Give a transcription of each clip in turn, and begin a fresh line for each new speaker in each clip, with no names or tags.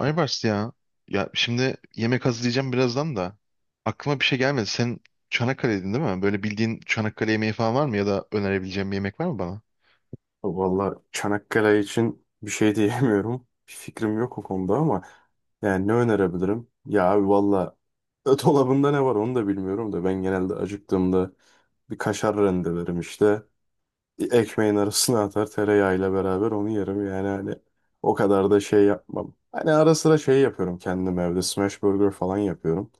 Aybars ya. Ya şimdi yemek hazırlayacağım birazdan da. Aklıma bir şey gelmedi. Sen Çanakkale'ydin değil mi? Böyle bildiğin Çanakkale yemeği falan var mı? Ya da önerebileceğim bir yemek var mı bana?
Vallahi Çanakkale için bir şey diyemiyorum. Bir fikrim yok o konuda ama yani ne önerebilirim? Ya abi valla dolabında ne var onu da bilmiyorum da ben genelde acıktığımda bir kaşar rendelerim işte. Ekmeğin arasına atar tereyağıyla beraber onu yerim yani hani o kadar da şey yapmam. Hani ara sıra şey yapıyorum kendim evde smash burger falan yapıyorum.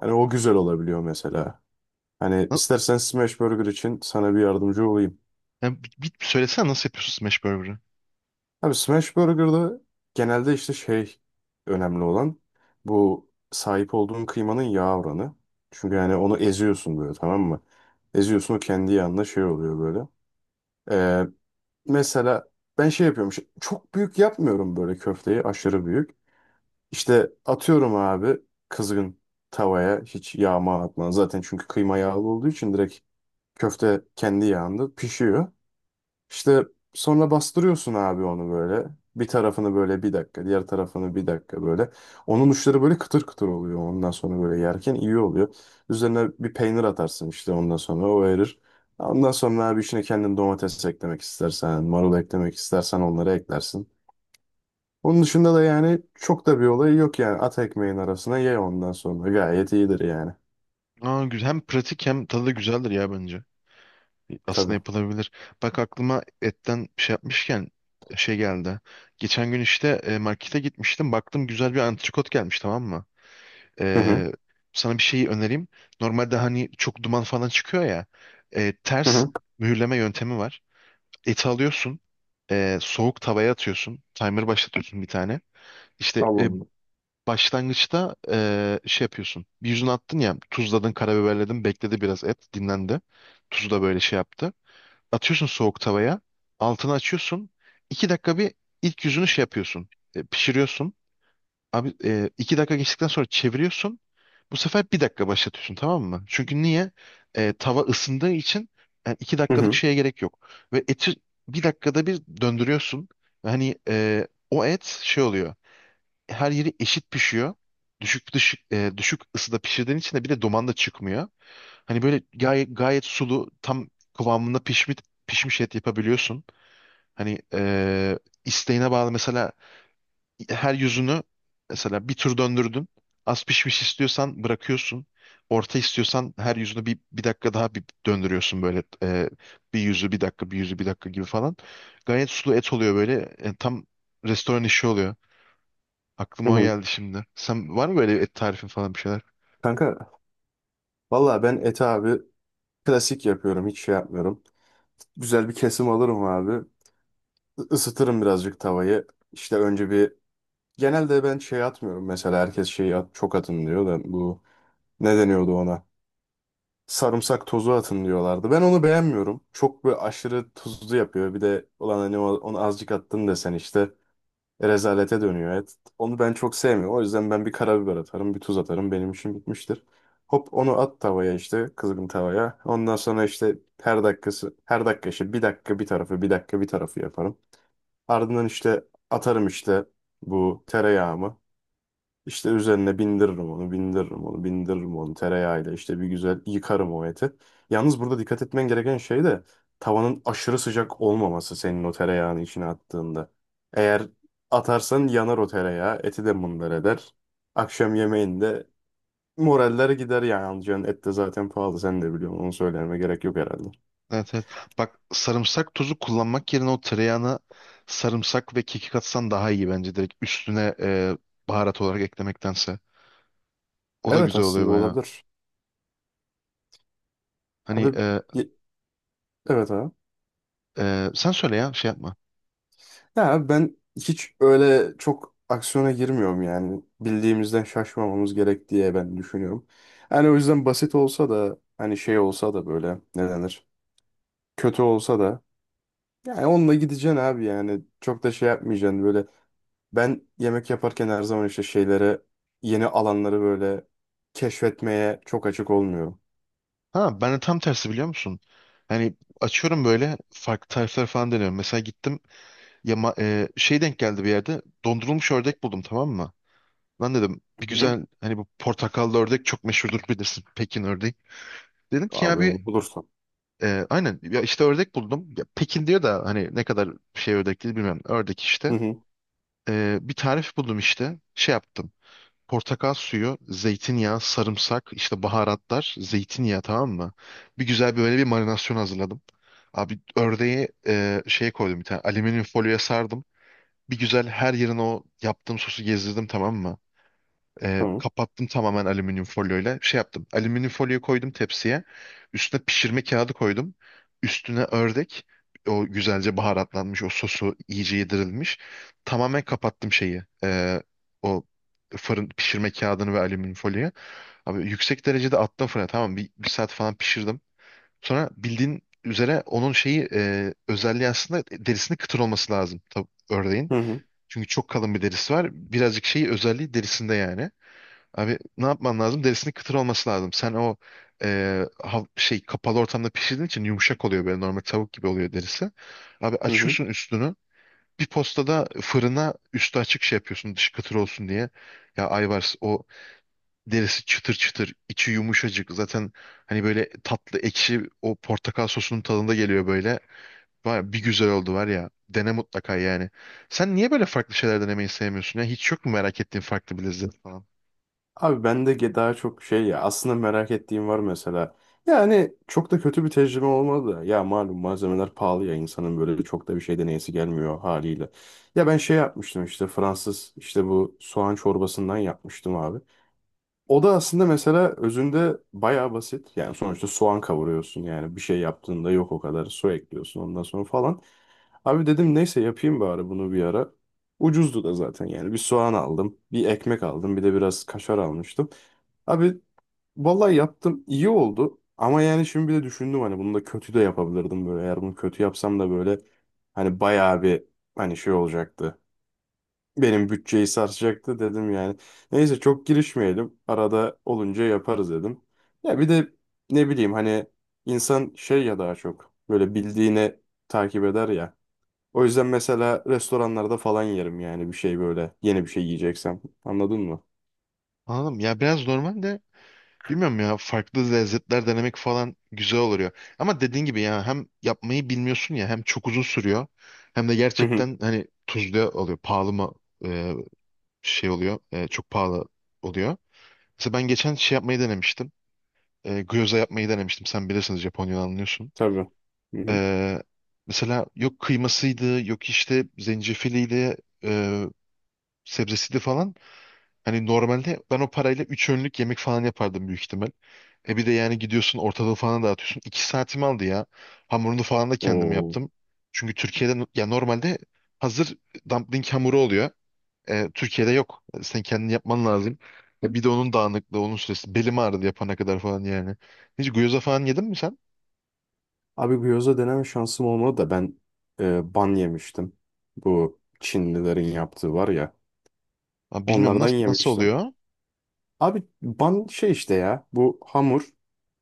Hani o güzel olabiliyor mesela. Hani
Na-
istersen smash burger için sana bir yardımcı olayım.
Ya, bir söylesene nasıl yapıyorsun smash burger'ı?
Abi Smash Burger'da genelde işte şey önemli olan bu sahip olduğun kıymanın yağ oranı. Çünkü yani onu eziyorsun böyle, tamam mı? Eziyorsun, o kendi yağında şey oluyor böyle. Ee, mesela ben şey yapıyorum çok büyük yapmıyorum böyle köfteyi aşırı büyük. İşte atıyorum abi kızgın tavaya hiç yağma atmadan zaten, çünkü kıyma yağlı olduğu için direkt köfte kendi yağında pişiyor. İşte sonra bastırıyorsun abi onu böyle. Bir tarafını böyle bir dakika, diğer tarafını bir dakika böyle. Onun uçları böyle kıtır kıtır oluyor. Ondan sonra böyle yerken iyi oluyor. Üzerine bir peynir atarsın işte, ondan sonra o erir. Ondan sonra abi içine kendin domates eklemek istersen, marul eklemek istersen onları eklersin. Onun dışında da yani çok da bir olayı yok yani. At ekmeğin arasına, ye ondan sonra. Gayet iyidir yani.
Aa, güzel. Hem pratik hem tadı da güzeldir ya bence. Aslında
Tabii.
yapılabilir. Bak aklıma etten bir şey yapmışken şey geldi. Geçen gün işte markete gitmiştim. Baktım güzel bir antrikot gelmiş tamam mı?
Hı hı.
E, Sana bir şeyi önereyim. Normalde hani çok duman falan çıkıyor ya.
Hı
Ters
hı.
mühürleme yöntemi var. Eti alıyorsun. Soğuk tavaya atıyorsun. Timer başlatıyorsun bir tane. İşte
Allah'ım.
başlangıçta şey yapıyorsun. Bir yüzüne attın ya tuzladın, karabiberledin. Bekledi biraz et dinlendi. Tuzu da böyle şey yaptı, atıyorsun soğuk tavaya. Altını açıyorsun. İki dakika bir ilk yüzünü şey yapıyorsun. Pişiriyorsun. Abi iki dakika geçtikten sonra çeviriyorsun. Bu sefer bir dakika başlatıyorsun tamam mı? Çünkü niye? Tava ısındığı için yani iki
Hı
dakikalık
hı.
şeye gerek yok. Ve eti bir dakikada bir döndürüyorsun. Hani o et şey oluyor, her yeri eşit pişiyor. Düşük ısıda pişirdiğin için de bir de duman da çıkmıyor. Hani böyle gayet sulu tam kıvamında pişmiş et yapabiliyorsun. Hani isteğine bağlı mesela, her yüzünü, mesela bir tur döndürdün. Az pişmiş istiyorsan bırakıyorsun. Orta istiyorsan her yüzünü bir dakika daha bir döndürüyorsun böyle bir yüzü bir dakika bir yüzü bir dakika gibi falan. Gayet sulu et oluyor böyle. Tam restoran işi oluyor.
Hı
Aklıma o
hı.
geldi şimdi. Sen var mı böyle et tarifin falan bir şeyler?
Kanka valla ben eti abi klasik yapıyorum. Hiç şey yapmıyorum. Güzel bir kesim alırım abi. Isıtırım birazcık tavayı. İşte önce bir... Genelde ben şey atmıyorum. Mesela herkes şey at, çok atın diyor da bu... Ne deniyordu ona? Sarımsak tozu atın diyorlardı. Ben onu beğenmiyorum. Çok böyle aşırı tuzlu yapıyor. Bir de ulan hani onu azıcık attın desen işte. Rezalete dönüyor. Evet, onu ben çok sevmiyorum. O yüzden ben bir karabiber atarım, bir tuz atarım. Benim işim bitmiştir. Hop onu at tavaya işte kızgın tavaya. Ondan sonra işte her dakikası, her dakika işte bir dakika bir tarafı, bir dakika bir tarafı yaparım. Ardından işte atarım işte bu tereyağımı. İşte üzerine bindiririm onu, bindiririm onu, bindiririm onu tereyağıyla. İşte bir güzel yıkarım o eti. Yalnız burada dikkat etmen gereken şey de tavanın aşırı sıcak olmaması senin o tereyağını içine attığında. Eğer atarsan yanar o tereyağı, eti de mındar eder. Akşam yemeğinde moraller gider yani, alacağın et de zaten pahalı, sen de biliyorsun, onu söylememe gerek yok herhalde.
Evet, evet. Bak, sarımsak tozu kullanmak yerine o tereyağına sarımsak ve kekik atsan daha iyi bence. Direkt üstüne baharat olarak eklemektense. O da
Evet
güzel oluyor
aslında
bayağı.
olabilir. Abi
Hani
ye- evet abi.
sen söyle ya şey yapma.
Ya ben hiç öyle çok aksiyona girmiyorum yani. Bildiğimizden şaşmamamız gerek diye ben düşünüyorum. Yani o yüzden basit olsa da, hani şey olsa da böyle, ne denir? Kötü olsa da yani onunla gideceksin abi yani. Çok da şey yapmayacaksın böyle. Ben yemek yaparken her zaman işte şeylere, yeni alanları böyle keşfetmeye çok açık olmuyorum.
Ha, ben de tam tersi, biliyor musun? Yani açıyorum böyle farklı tarifler falan deniyorum. Mesela gittim ya şey, denk geldi bir yerde dondurulmuş ördek buldum tamam mı? Lan dedim bir
Hı.
güzel, hani bu portakallı ördek çok meşhurdur bilirsin, Pekin ördeği. Dedim ki ya
Abi
bir
onu bulursan.
aynen ya işte ördek buldum. Ya Pekin diyor da hani ne kadar şey ördek değil bilmiyorum. Ördek
Hı
işte.
hı.
Bir tarif buldum işte. Şey yaptım. Portakal suyu, zeytinyağı, sarımsak, işte baharatlar, zeytinyağı, tamam mı? Bir güzel böyle bir marinasyon hazırladım. Abi ördeği şeye koydum, bir tane alüminyum folyoya sardım. Bir güzel her yerine o yaptığım sosu gezdirdim tamam mı?
Tamam.
Kapattım tamamen alüminyum folyoyla. Şey yaptım. Alüminyum folyoyu koydum tepsiye. Üstüne pişirme kağıdı koydum. Üstüne ördek. O güzelce baharatlanmış. O sosu iyice yedirilmiş. Tamamen kapattım şeyi. O fırın pişirme kağıdını ve alüminyum folyoyu. Abi yüksek derecede attım fırına. Tamam, bir saat falan pişirdim. Sonra bildiğin üzere onun şeyi özelliği aslında derisinin kıtır olması lazım. Tabii ördeğin.
Hı hı.
Çünkü çok kalın bir derisi var. Birazcık şeyi özelliği derisinde yani. Abi ne yapman lazım? Derisinin kıtır olması lazım. Sen o e, şey, kapalı ortamda pişirdiğin için yumuşak oluyor, böyle normal tavuk gibi oluyor derisi. Abi
Hı hı.
açıyorsun üstünü. Bir postada fırına üstü açık şey yapıyorsun, dışı kıtır olsun diye. Ya Ayvars, o derisi çıtır çıtır, içi yumuşacık. Zaten hani böyle tatlı ekşi o portakal sosunun tadında geliyor böyle. Var, bir güzel oldu var ya. Dene mutlaka yani. Sen niye böyle farklı şeyler denemeyi sevmiyorsun ya? Hiç yok mu merak ettiğin farklı bir lezzet falan?
Abi bende daha çok şey, ya aslında merak ettiğim var mesela. Yani çok da kötü bir tecrübe olmadı da. Ya malum malzemeler pahalı ya, insanın böyle çok da bir şey deneyesi gelmiyor haliyle. Ya ben şey yapmıştım işte, Fransız işte bu soğan çorbasından yapmıştım abi. O da aslında mesela özünde bayağı basit. Yani sonuçta soğan kavuruyorsun yani, bir şey yaptığında yok o kadar, su ekliyorsun ondan sonra falan. Abi dedim neyse yapayım bari bunu bir ara. Ucuzdu da zaten yani, bir soğan aldım, bir ekmek aldım, bir de biraz kaşar almıştım. Abi vallahi yaptım, iyi oldu ama yani şimdi bir de düşündüm hani bunu da kötü de yapabilirdim böyle. Eğer bunu kötü yapsam da böyle hani bayağı bir, hani şey olacaktı. Benim bütçeyi sarsacaktı dedim yani. Neyse, çok girişmeyelim. Arada olunca yaparız dedim. Ya bir de ne bileyim hani, insan şey ya, daha çok böyle bildiğini takip eder ya. O yüzden mesela restoranlarda falan yerim yani bir şey, böyle yeni bir şey yiyeceksem. Anladın mı?
Anladım. Ya biraz normal de, bilmiyorum ya, farklı lezzetler denemek falan güzel oluyor. Ama dediğin gibi ya hem yapmayı bilmiyorsun ya hem çok uzun sürüyor, hem de
Hı hı.
gerçekten hani tuzlu oluyor, pahalı mı e, şey oluyor, çok pahalı oluyor. Mesela ben geçen şey yapmayı denemiştim. Gyoza yapmayı denemiştim. Sen bilirsiniz, Japonya'dan anlıyorsun.
Tabii. Hı hı.
E, Mesela yok kıymasıydı, yok işte zencefiliyle e, sebzesiydi falan. Hani normalde ben o parayla 3 önlük yemek falan yapardım büyük ihtimal. E bir de yani gidiyorsun, ortalığı falan dağıtıyorsun. 2 saatimi aldı ya. Hamurunu falan da kendim
Oo.
yaptım. Çünkü Türkiye'de ya, normalde hazır dumpling hamuru oluyor. Türkiye'de yok. Sen kendin yapman lazım. Bir de onun dağınıklığı, onun süresi. Belim ağrıdı yapana kadar falan yani. Hiç gyoza falan yedin mi sen?
Abi gyoza deneme şansım olmadı da ben ban yemiştim. Bu Çinlilerin yaptığı var ya.
Ha, bilmiyorum,
Onlardan
nasıl
yemiştim.
oluyor?
Abi ban şey işte, ya bu hamur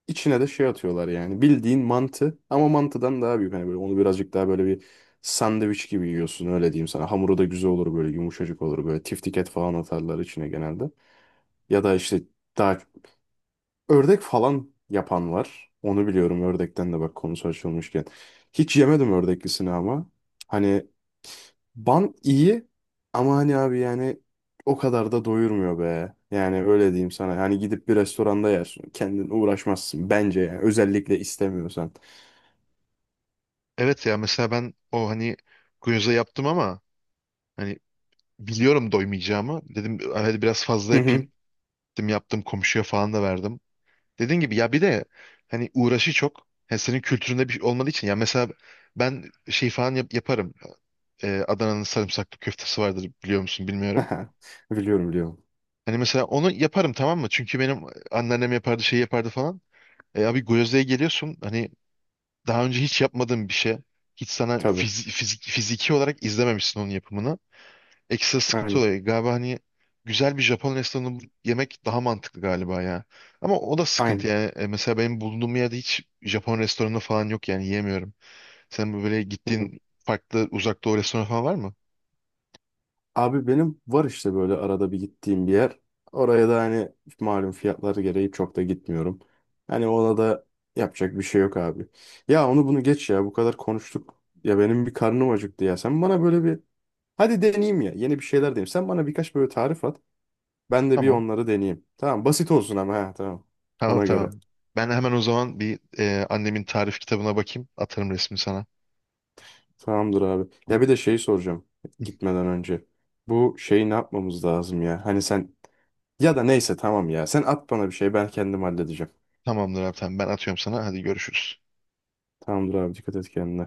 içine de şey atıyorlar yani, bildiğin mantı ama mantıdan daha büyük, hani böyle onu birazcık daha böyle bir sandviç gibi yiyorsun, öyle diyeyim sana. Hamuru da güzel olur böyle, yumuşacık olur böyle, tiftiket falan atarlar içine genelde, ya da işte daha, ördek falan yapan var. Onu biliyorum ördekten de, bak konusu açılmışken. Hiç yemedim ördeklisini ama. Hani ban iyi ama hani abi yani o kadar da doyurmuyor be. Yani öyle diyeyim sana. Hani gidip bir restoranda yersin. Kendin uğraşmazsın bence yani. Özellikle istemiyorsan.
Evet ya, mesela ben o hani gyoza yaptım ama hani biliyorum doymayacağımı. Dedim hadi biraz fazla
Hı
yapayım.
hı.
Gittim yaptım, komşuya falan da verdim. Dediğin gibi ya, bir de hani uğraşı çok. Yani senin kültüründe bir şey olmadığı için ya, mesela ben şey falan yaparım. Adana'nın sarımsaklı köftesi vardır, biliyor musun bilmiyorum.
Biliyorum, biliyorum.
Hani mesela onu yaparım tamam mı? Çünkü benim anneannem yapardı, şey yapardı falan. E abi Gyozda'ya geliyorsun, hani daha önce hiç yapmadığın bir şey. Hiç sana
Tabii.
fiziki olarak izlememişsin onun yapımını. Ekstra sıkıntı
Aynen.
olayı galiba. Hani güzel bir Japon restoranında bu yemek daha mantıklı galiba ya. Ama o da sıkıntı
Aynen.
yani. Mesela benim bulunduğum yerde hiç Japon restoranı falan yok, yani yiyemiyorum. Sen böyle gittiğin farklı uzak doğu restoranı falan var mı?
Abi benim var işte böyle arada bir gittiğim bir yer. Oraya da hani malum fiyatları gereği çok da gitmiyorum. Hani ona da yapacak bir şey yok abi. Ya onu bunu geç ya, bu kadar konuştuk. Ya benim bir karnım acıktı ya. Sen bana böyle bir, hadi deneyeyim ya, yeni bir şeyler deneyeyim. Sen bana birkaç böyle tarif at. Ben de bir
Tamam.
onları deneyeyim. Tamam, basit olsun ama, ha tamam.
Tamam
Ona göre.
tamam. Ben hemen o zaman bir annemin tarif kitabına bakayım. Atarım resmi sana.
Tamamdır abi. Ya bir de şeyi soracağım gitmeden önce. Bu şeyi ne yapmamız lazım ya? Hani sen, ya da neyse tamam ya. Sen at bana bir şey, ben kendim halledeceğim.
Tamamdır abi, tamam. Ben atıyorum sana. Hadi görüşürüz.
Tamamdır abi, dikkat et kendine.